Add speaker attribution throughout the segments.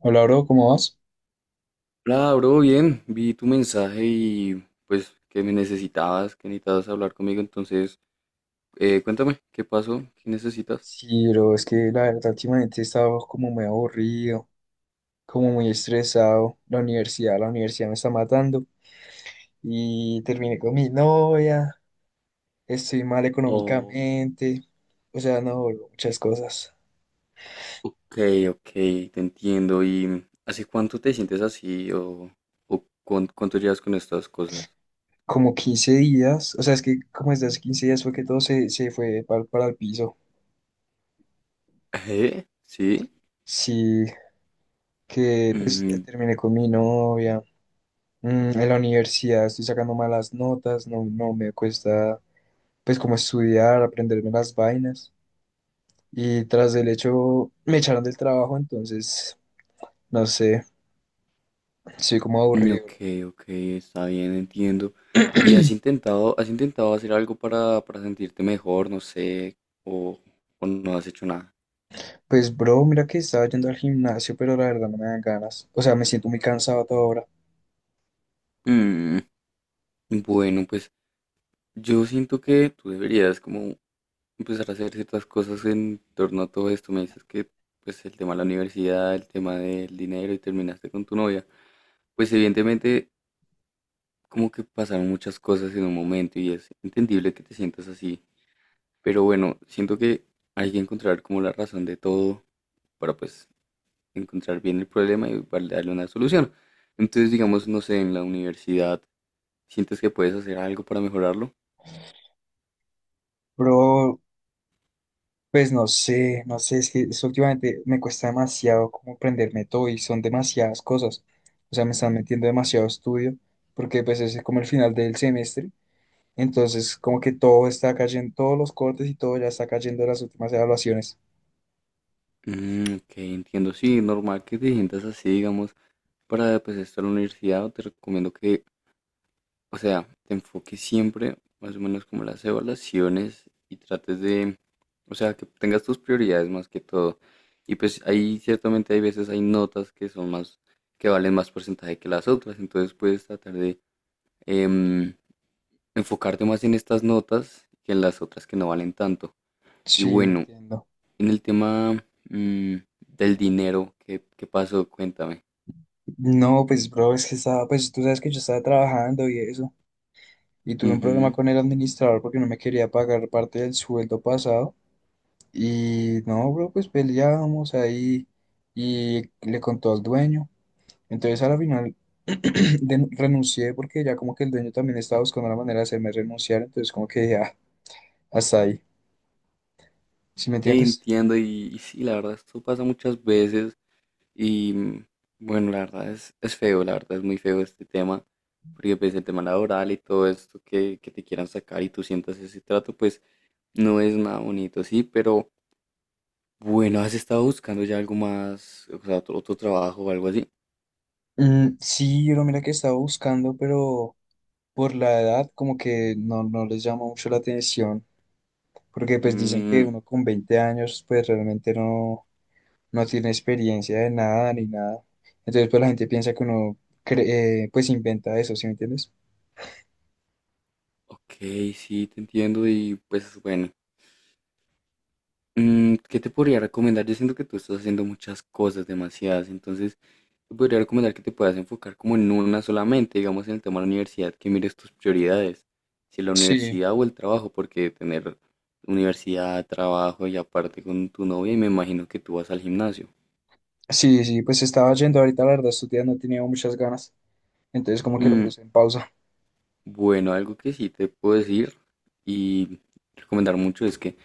Speaker 1: Hola, bro, ¿cómo vas?
Speaker 2: Hola, bro, bien. Vi tu mensaje y pues que me necesitabas, que necesitabas hablar conmigo. Entonces, cuéntame, ¿qué pasó? ¿Qué necesitas?
Speaker 1: Sí, bro, es que la verdad últimamente he estado como muy aburrido, como muy estresado. La universidad me está matando y terminé con mi novia, estoy mal
Speaker 2: Oh,
Speaker 1: económicamente, o sea, no, bro, muchas cosas.
Speaker 2: ok, ok, te entiendo. ¿Y hace cuánto te sientes así o cuánto llevas con estas cosas?
Speaker 1: Como 15 días, o sea, es que como desde hace 15 días fue que todo se fue para el piso.
Speaker 2: ¿Eh? ¿Sí?
Speaker 1: Sí, que pues
Speaker 2: Mm,
Speaker 1: terminé con mi novia. En la universidad estoy sacando malas notas, no, no me cuesta. Pues como estudiar, aprenderme las vainas. Y tras del hecho me echaron del trabajo, entonces, no sé, estoy como
Speaker 2: mm,
Speaker 1: aburrido,
Speaker 2: ok,
Speaker 1: bro.
Speaker 2: ok, está bien, entiendo. ¿Y has intentado hacer algo para sentirte mejor? No sé, o, o no has hecho nada.
Speaker 1: Pues, bro, mira que estaba yendo al gimnasio, pero la verdad no me dan ganas. O sea, me siento muy cansado a toda hora.
Speaker 2: Mm, bueno, pues yo siento que tú deberías como empezar a hacer ciertas cosas en torno a todo esto. Me dices que pues el tema de la universidad, el tema del dinero y terminaste con tu novia. Pues evidentemente como que pasaron muchas cosas en un momento y es entendible que te sientas así. Pero bueno, siento que hay que encontrar como la razón de todo para pues encontrar bien el problema y para darle una solución. Entonces digamos,
Speaker 1: Sí.
Speaker 2: no sé, en la universidad, ¿sientes que puedes hacer algo para mejorarlo?
Speaker 1: Bro, pues no sé, es que eso últimamente me cuesta demasiado como prenderme todo y son demasiadas cosas. O sea, me están metiendo demasiado estudio, porque pues ese es como el final del semestre. Entonces, como que todo está cayendo, todos los cortes y todo ya está cayendo en las últimas evaluaciones.
Speaker 2: Ok, entiendo. Sí, normal que te sientas así, digamos, para pues estar en la universidad, te recomiendo que, o sea, te enfoques siempre, más o menos como las evaluaciones y trates de, o sea, que tengas tus prioridades más que todo. Y pues ahí ciertamente hay veces hay notas que son más, que valen más porcentaje que las otras, entonces puedes tratar de em, enfocarte más en estas notas que en las otras que no valen tanto. Y
Speaker 1: Sí,
Speaker 2: bueno,
Speaker 1: entiendo.
Speaker 2: en el tema mm, del dinero, ¿qué, qué pasó? Cuéntame.
Speaker 1: No, pues, bro, es que estaba, pues tú sabes que yo estaba trabajando y eso. Y tuve un problema
Speaker 2: Ujú.
Speaker 1: con el administrador porque no me quería pagar parte del sueldo pasado. Y no, bro, pues peleábamos ahí y le contó al dueño. Entonces, a la final renuncié porque ya como que el dueño también estaba buscando la manera de hacerme renunciar. Entonces, como que dije, ah, hasta ahí. ¿Sí me
Speaker 2: Ok,
Speaker 1: entiendes?
Speaker 2: entiendo. Y sí, la verdad, esto pasa muchas veces. Y bueno, la verdad es feo, la verdad es muy feo este tema. Porque pues el tema laboral y todo esto que te quieran sacar y tú sientas ese trato, pues no es nada bonito, sí. Pero bueno, has estado buscando ya algo más, o sea, otro, otro trabajo o algo así.
Speaker 1: Mm, sí, pero mira que estaba buscando, pero por la edad como que no les llama mucho la atención, porque pues dicen que
Speaker 2: Mm,
Speaker 1: uno con 20 años pues realmente no tiene experiencia de nada ni nada. Entonces pues la gente piensa que uno cre- pues inventa eso, ¿sí me entiendes?
Speaker 2: ok, sí, te entiendo. Y pues bueno. ¿Qué te podría recomendar? Yo siento que tú estás haciendo muchas cosas, demasiadas, entonces te podría recomendar que te puedas enfocar como en una solamente, digamos en el tema de la universidad, que mires tus prioridades, si la
Speaker 1: Sí,
Speaker 2: universidad o el trabajo, porque tener universidad, trabajo y aparte con tu novia, y me imagino que tú vas al gimnasio.
Speaker 1: sí, sí, pues estaba yendo ahorita, la verdad, estos días no tenía muchas ganas, entonces como que lo
Speaker 2: Mm,
Speaker 1: puse en pausa.
Speaker 2: bueno, algo que sí te puedo decir y recomendar mucho es que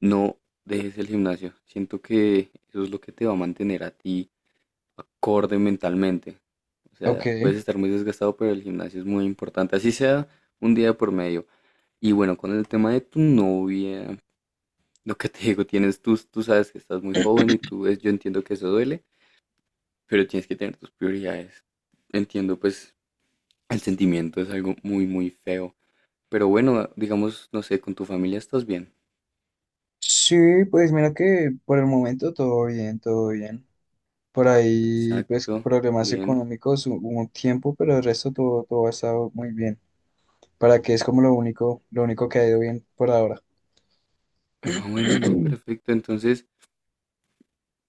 Speaker 2: no dejes el gimnasio, siento que eso es lo que te va a mantener a ti acorde mentalmente. O sea,
Speaker 1: Ok.
Speaker 2: puedes estar muy desgastado, pero el gimnasio es muy importante, así sea un día por medio. Y bueno, con el tema de tu novia, lo que te digo, tienes tú, tú sabes que estás muy joven y tú ves, yo entiendo que eso duele, pero tienes que tener tus prioridades. Entiendo, pues, el sentimiento es algo muy, muy feo. Pero bueno, digamos, no sé, con tu familia estás bien.
Speaker 1: Sí, pues mira que por el momento todo bien, todo bien. Por ahí, pues,
Speaker 2: Exacto,
Speaker 1: problemas
Speaker 2: bien.
Speaker 1: económicos hubo un tiempo, pero el resto todo ha estado muy bien. Para que es como lo único que ha ido bien por ahora.
Speaker 2: No, bueno, no, perfecto. Entonces,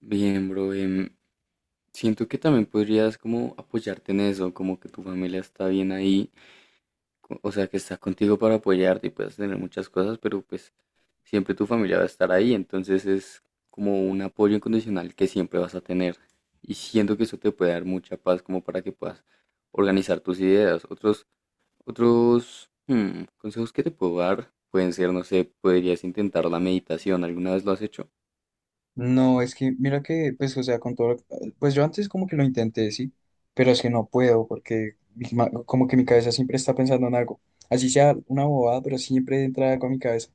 Speaker 2: bien, bro, siento que también podrías como apoyarte en eso, como que tu familia está bien ahí, o sea, que está contigo para apoyarte y puedes tener muchas cosas, pero pues siempre tu familia va a estar ahí, entonces es como un apoyo incondicional que siempre vas a tener. Y siento que eso te puede dar mucha paz como para que puedas organizar tus ideas. Otros consejos que te puedo dar pueden ser, no sé, podrías intentar la meditación. ¿Alguna vez lo has hecho?
Speaker 1: No, es que mira que, pues, o sea, con todo, pues yo antes como que lo intenté, sí, pero es que no puedo porque como que mi cabeza siempre está pensando en algo, así sea una bobada, pero siempre entra algo a mi cabeza.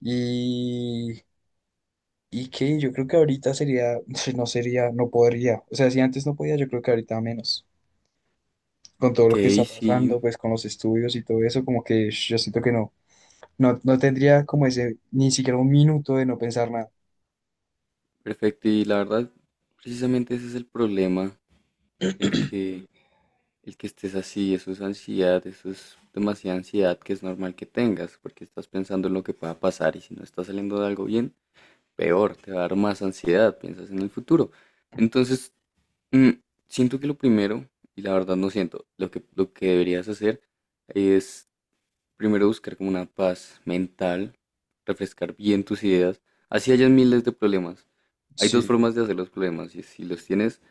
Speaker 1: Y, y que yo creo que ahorita sería, no sería, no podría, o sea, si antes no podía, yo creo que ahorita menos. Con todo
Speaker 2: Ok,
Speaker 1: lo que está pasando,
Speaker 2: sí,
Speaker 1: pues con los estudios y todo eso, como que sh, yo siento que no, no tendría como ese, ni siquiera un minuto de no pensar nada.
Speaker 2: perfecto. Y la verdad, precisamente ese es el problema, el que el que estés así, eso es ansiedad, eso es demasiada ansiedad que es normal que tengas, porque estás pensando en lo que pueda pasar y si no está saliendo de algo bien, peor, te va a dar más ansiedad, piensas en el futuro. Entonces, mm, siento que lo primero, y la verdad no siento, lo que deberías hacer es primero buscar como una paz mental, refrescar bien tus ideas, así hayas miles de problemas. Hay dos
Speaker 1: Sí,
Speaker 2: formas de hacer los problemas, y si los tienes,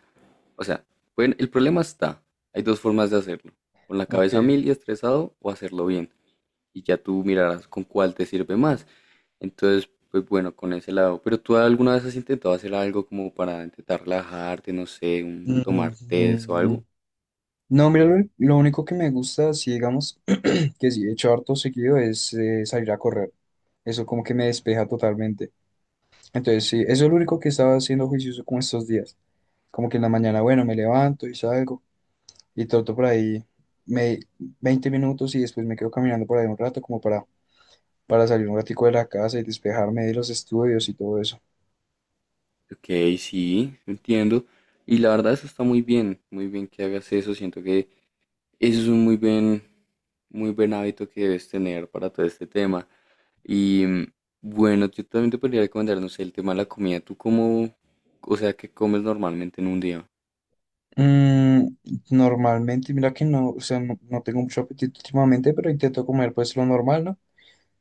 Speaker 2: o sea, pueden- el problema está. Hay dos formas de hacerlo. Con la
Speaker 1: ok.
Speaker 2: cabeza a mil y estresado o hacerlo bien. Y ya tú mirarás con cuál te sirve más. Entonces, pues bueno, con ese lado. Pero tú alguna vez has intentado hacer algo como para intentar relajarte, no sé, un, tomar test o
Speaker 1: Mm,
Speaker 2: algo.
Speaker 1: no, mira, lo único que me gusta, si digamos que sí he hecho harto seguido, es salir a correr. Eso como que me despeja totalmente. Entonces, sí, eso es lo único que estaba haciendo juicioso como estos días. Como que en la mañana, bueno, me levanto y salgo y troto por ahí me, 20 minutos y después me quedo caminando por ahí un rato como para salir un ratico de la casa y despejarme de los estudios y todo eso.
Speaker 2: Ok, sí, entiendo. Y la verdad eso está muy bien que hagas eso. Siento que eso es un muy buen hábito que debes tener para todo este tema. Y bueno, yo también te podría recomendar, no sé, el tema de la comida. ¿Tú cómo, o sea, qué comes normalmente en un día?
Speaker 1: Mm, Normalmente, mira que no, o sea, no tengo mucho apetito últimamente, pero intento comer pues lo normal, ¿no?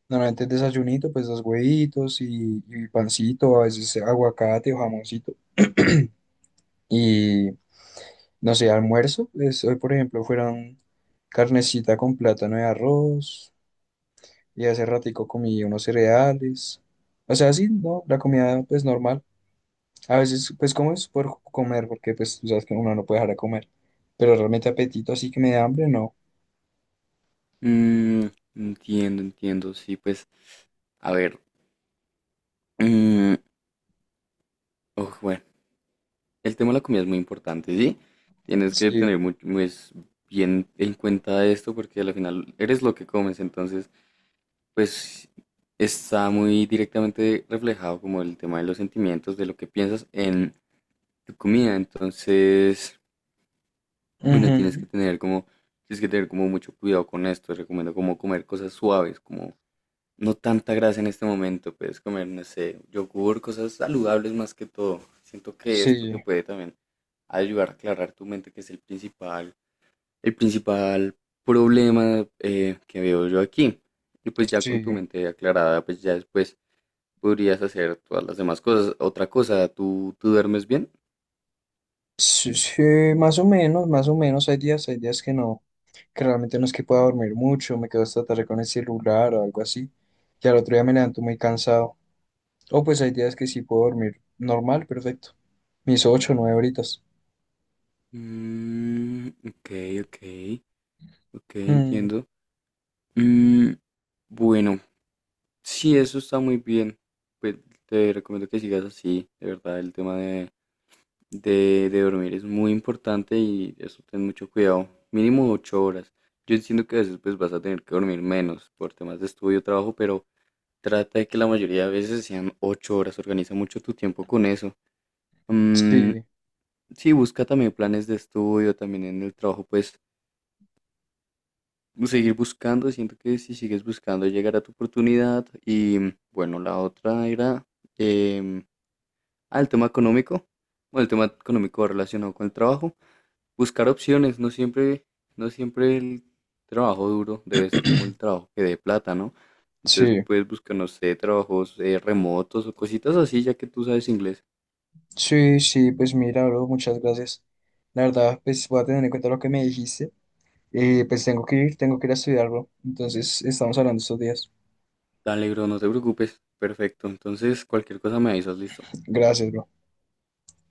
Speaker 1: Normalmente desayunito, pues dos huevitos y pancito, a veces aguacate o jamoncito. Y no sé, almuerzo, pues, hoy por ejemplo fueron carnecita con plátano y arroz, y hace ratico comí unos cereales. O sea, sí, ¿no? La comida pues normal. A veces, pues como es por comer, porque pues tú sabes que uno no puede dejar de comer. Pero realmente apetito, así que me da hambre, no.
Speaker 2: Mm, Entiendo, entiendo, sí, pues, a ver. mm, oh, bueno, el tema de la comida es muy importante, ¿sí? Tienes que
Speaker 1: Sí.
Speaker 2: tener muy, pues, bien en cuenta esto porque al final eres lo que comes, entonces, pues, está muy directamente reflejado como el tema de los sentimientos, de lo que piensas en tu comida, entonces... Bueno, tienes
Speaker 1: Ujú.
Speaker 2: que tener como, tienes que tener como mucho cuidado con esto. Recomiendo como comer cosas suaves, como no tanta grasa en este momento. Puedes comer, no sé, yogur, cosas saludables más que todo. Siento que esto
Speaker 1: Sí,
Speaker 2: te puede también ayudar a aclarar tu mente, que es el principal problema que veo yo aquí. Y pues ya
Speaker 1: sí.
Speaker 2: con tu mente aclarada, pues ya después podrías hacer todas las demás cosas. Otra cosa, ¿tú, tú duermes bien?
Speaker 1: Sí, sí, más o menos, más o menos. Hay días que no, que realmente no es que pueda dormir mucho, me quedo hasta tarde con el celular o algo así. Y al otro día me levanto muy cansado. O pues hay días que sí puedo dormir normal, perfecto. Mis 8 o 9 horitas.
Speaker 2: Ok, ok, ok,
Speaker 1: Mm,
Speaker 2: entiendo. Mm, bueno, sí, eso está muy bien. Pues te recomiendo que sigas así, de verdad, el tema de dormir es muy importante y eso ten mucho cuidado. Mínimo 8 horas. Yo entiendo que a veces pues vas a tener que dormir menos por temas de estudio, trabajo, pero trata de que la mayoría de veces sean 8 horas. Organiza mucho tu tiempo con eso. Mm,
Speaker 1: sí,
Speaker 2: sí, busca también planes de estudio, también en el trabajo, pues seguir buscando, siento que si sigues buscando llegará tu oportunidad. Y bueno, la otra era em, ah, el tema económico. Bueno, el tema económico relacionado con el trabajo. Buscar opciones, no siempre, no siempre el trabajo duro debe ser como el trabajo que dé plata, ¿no? Entonces
Speaker 1: sí.
Speaker 2: puedes buscar, no sé, trabajos remotos o cositas así, ya que tú sabes inglés.
Speaker 1: Sí, sí, pues mira, bro, muchas gracias. La verdad, pues voy a tener en cuenta lo que me dijiste. Pues tengo que ir a estudiar, bro. Entonces, estamos hablando estos días.
Speaker 2: Dale, bro, no te preocupes. Perfecto. Entonces, cualquier cosa me avisas, listo.
Speaker 1: Gracias, bro.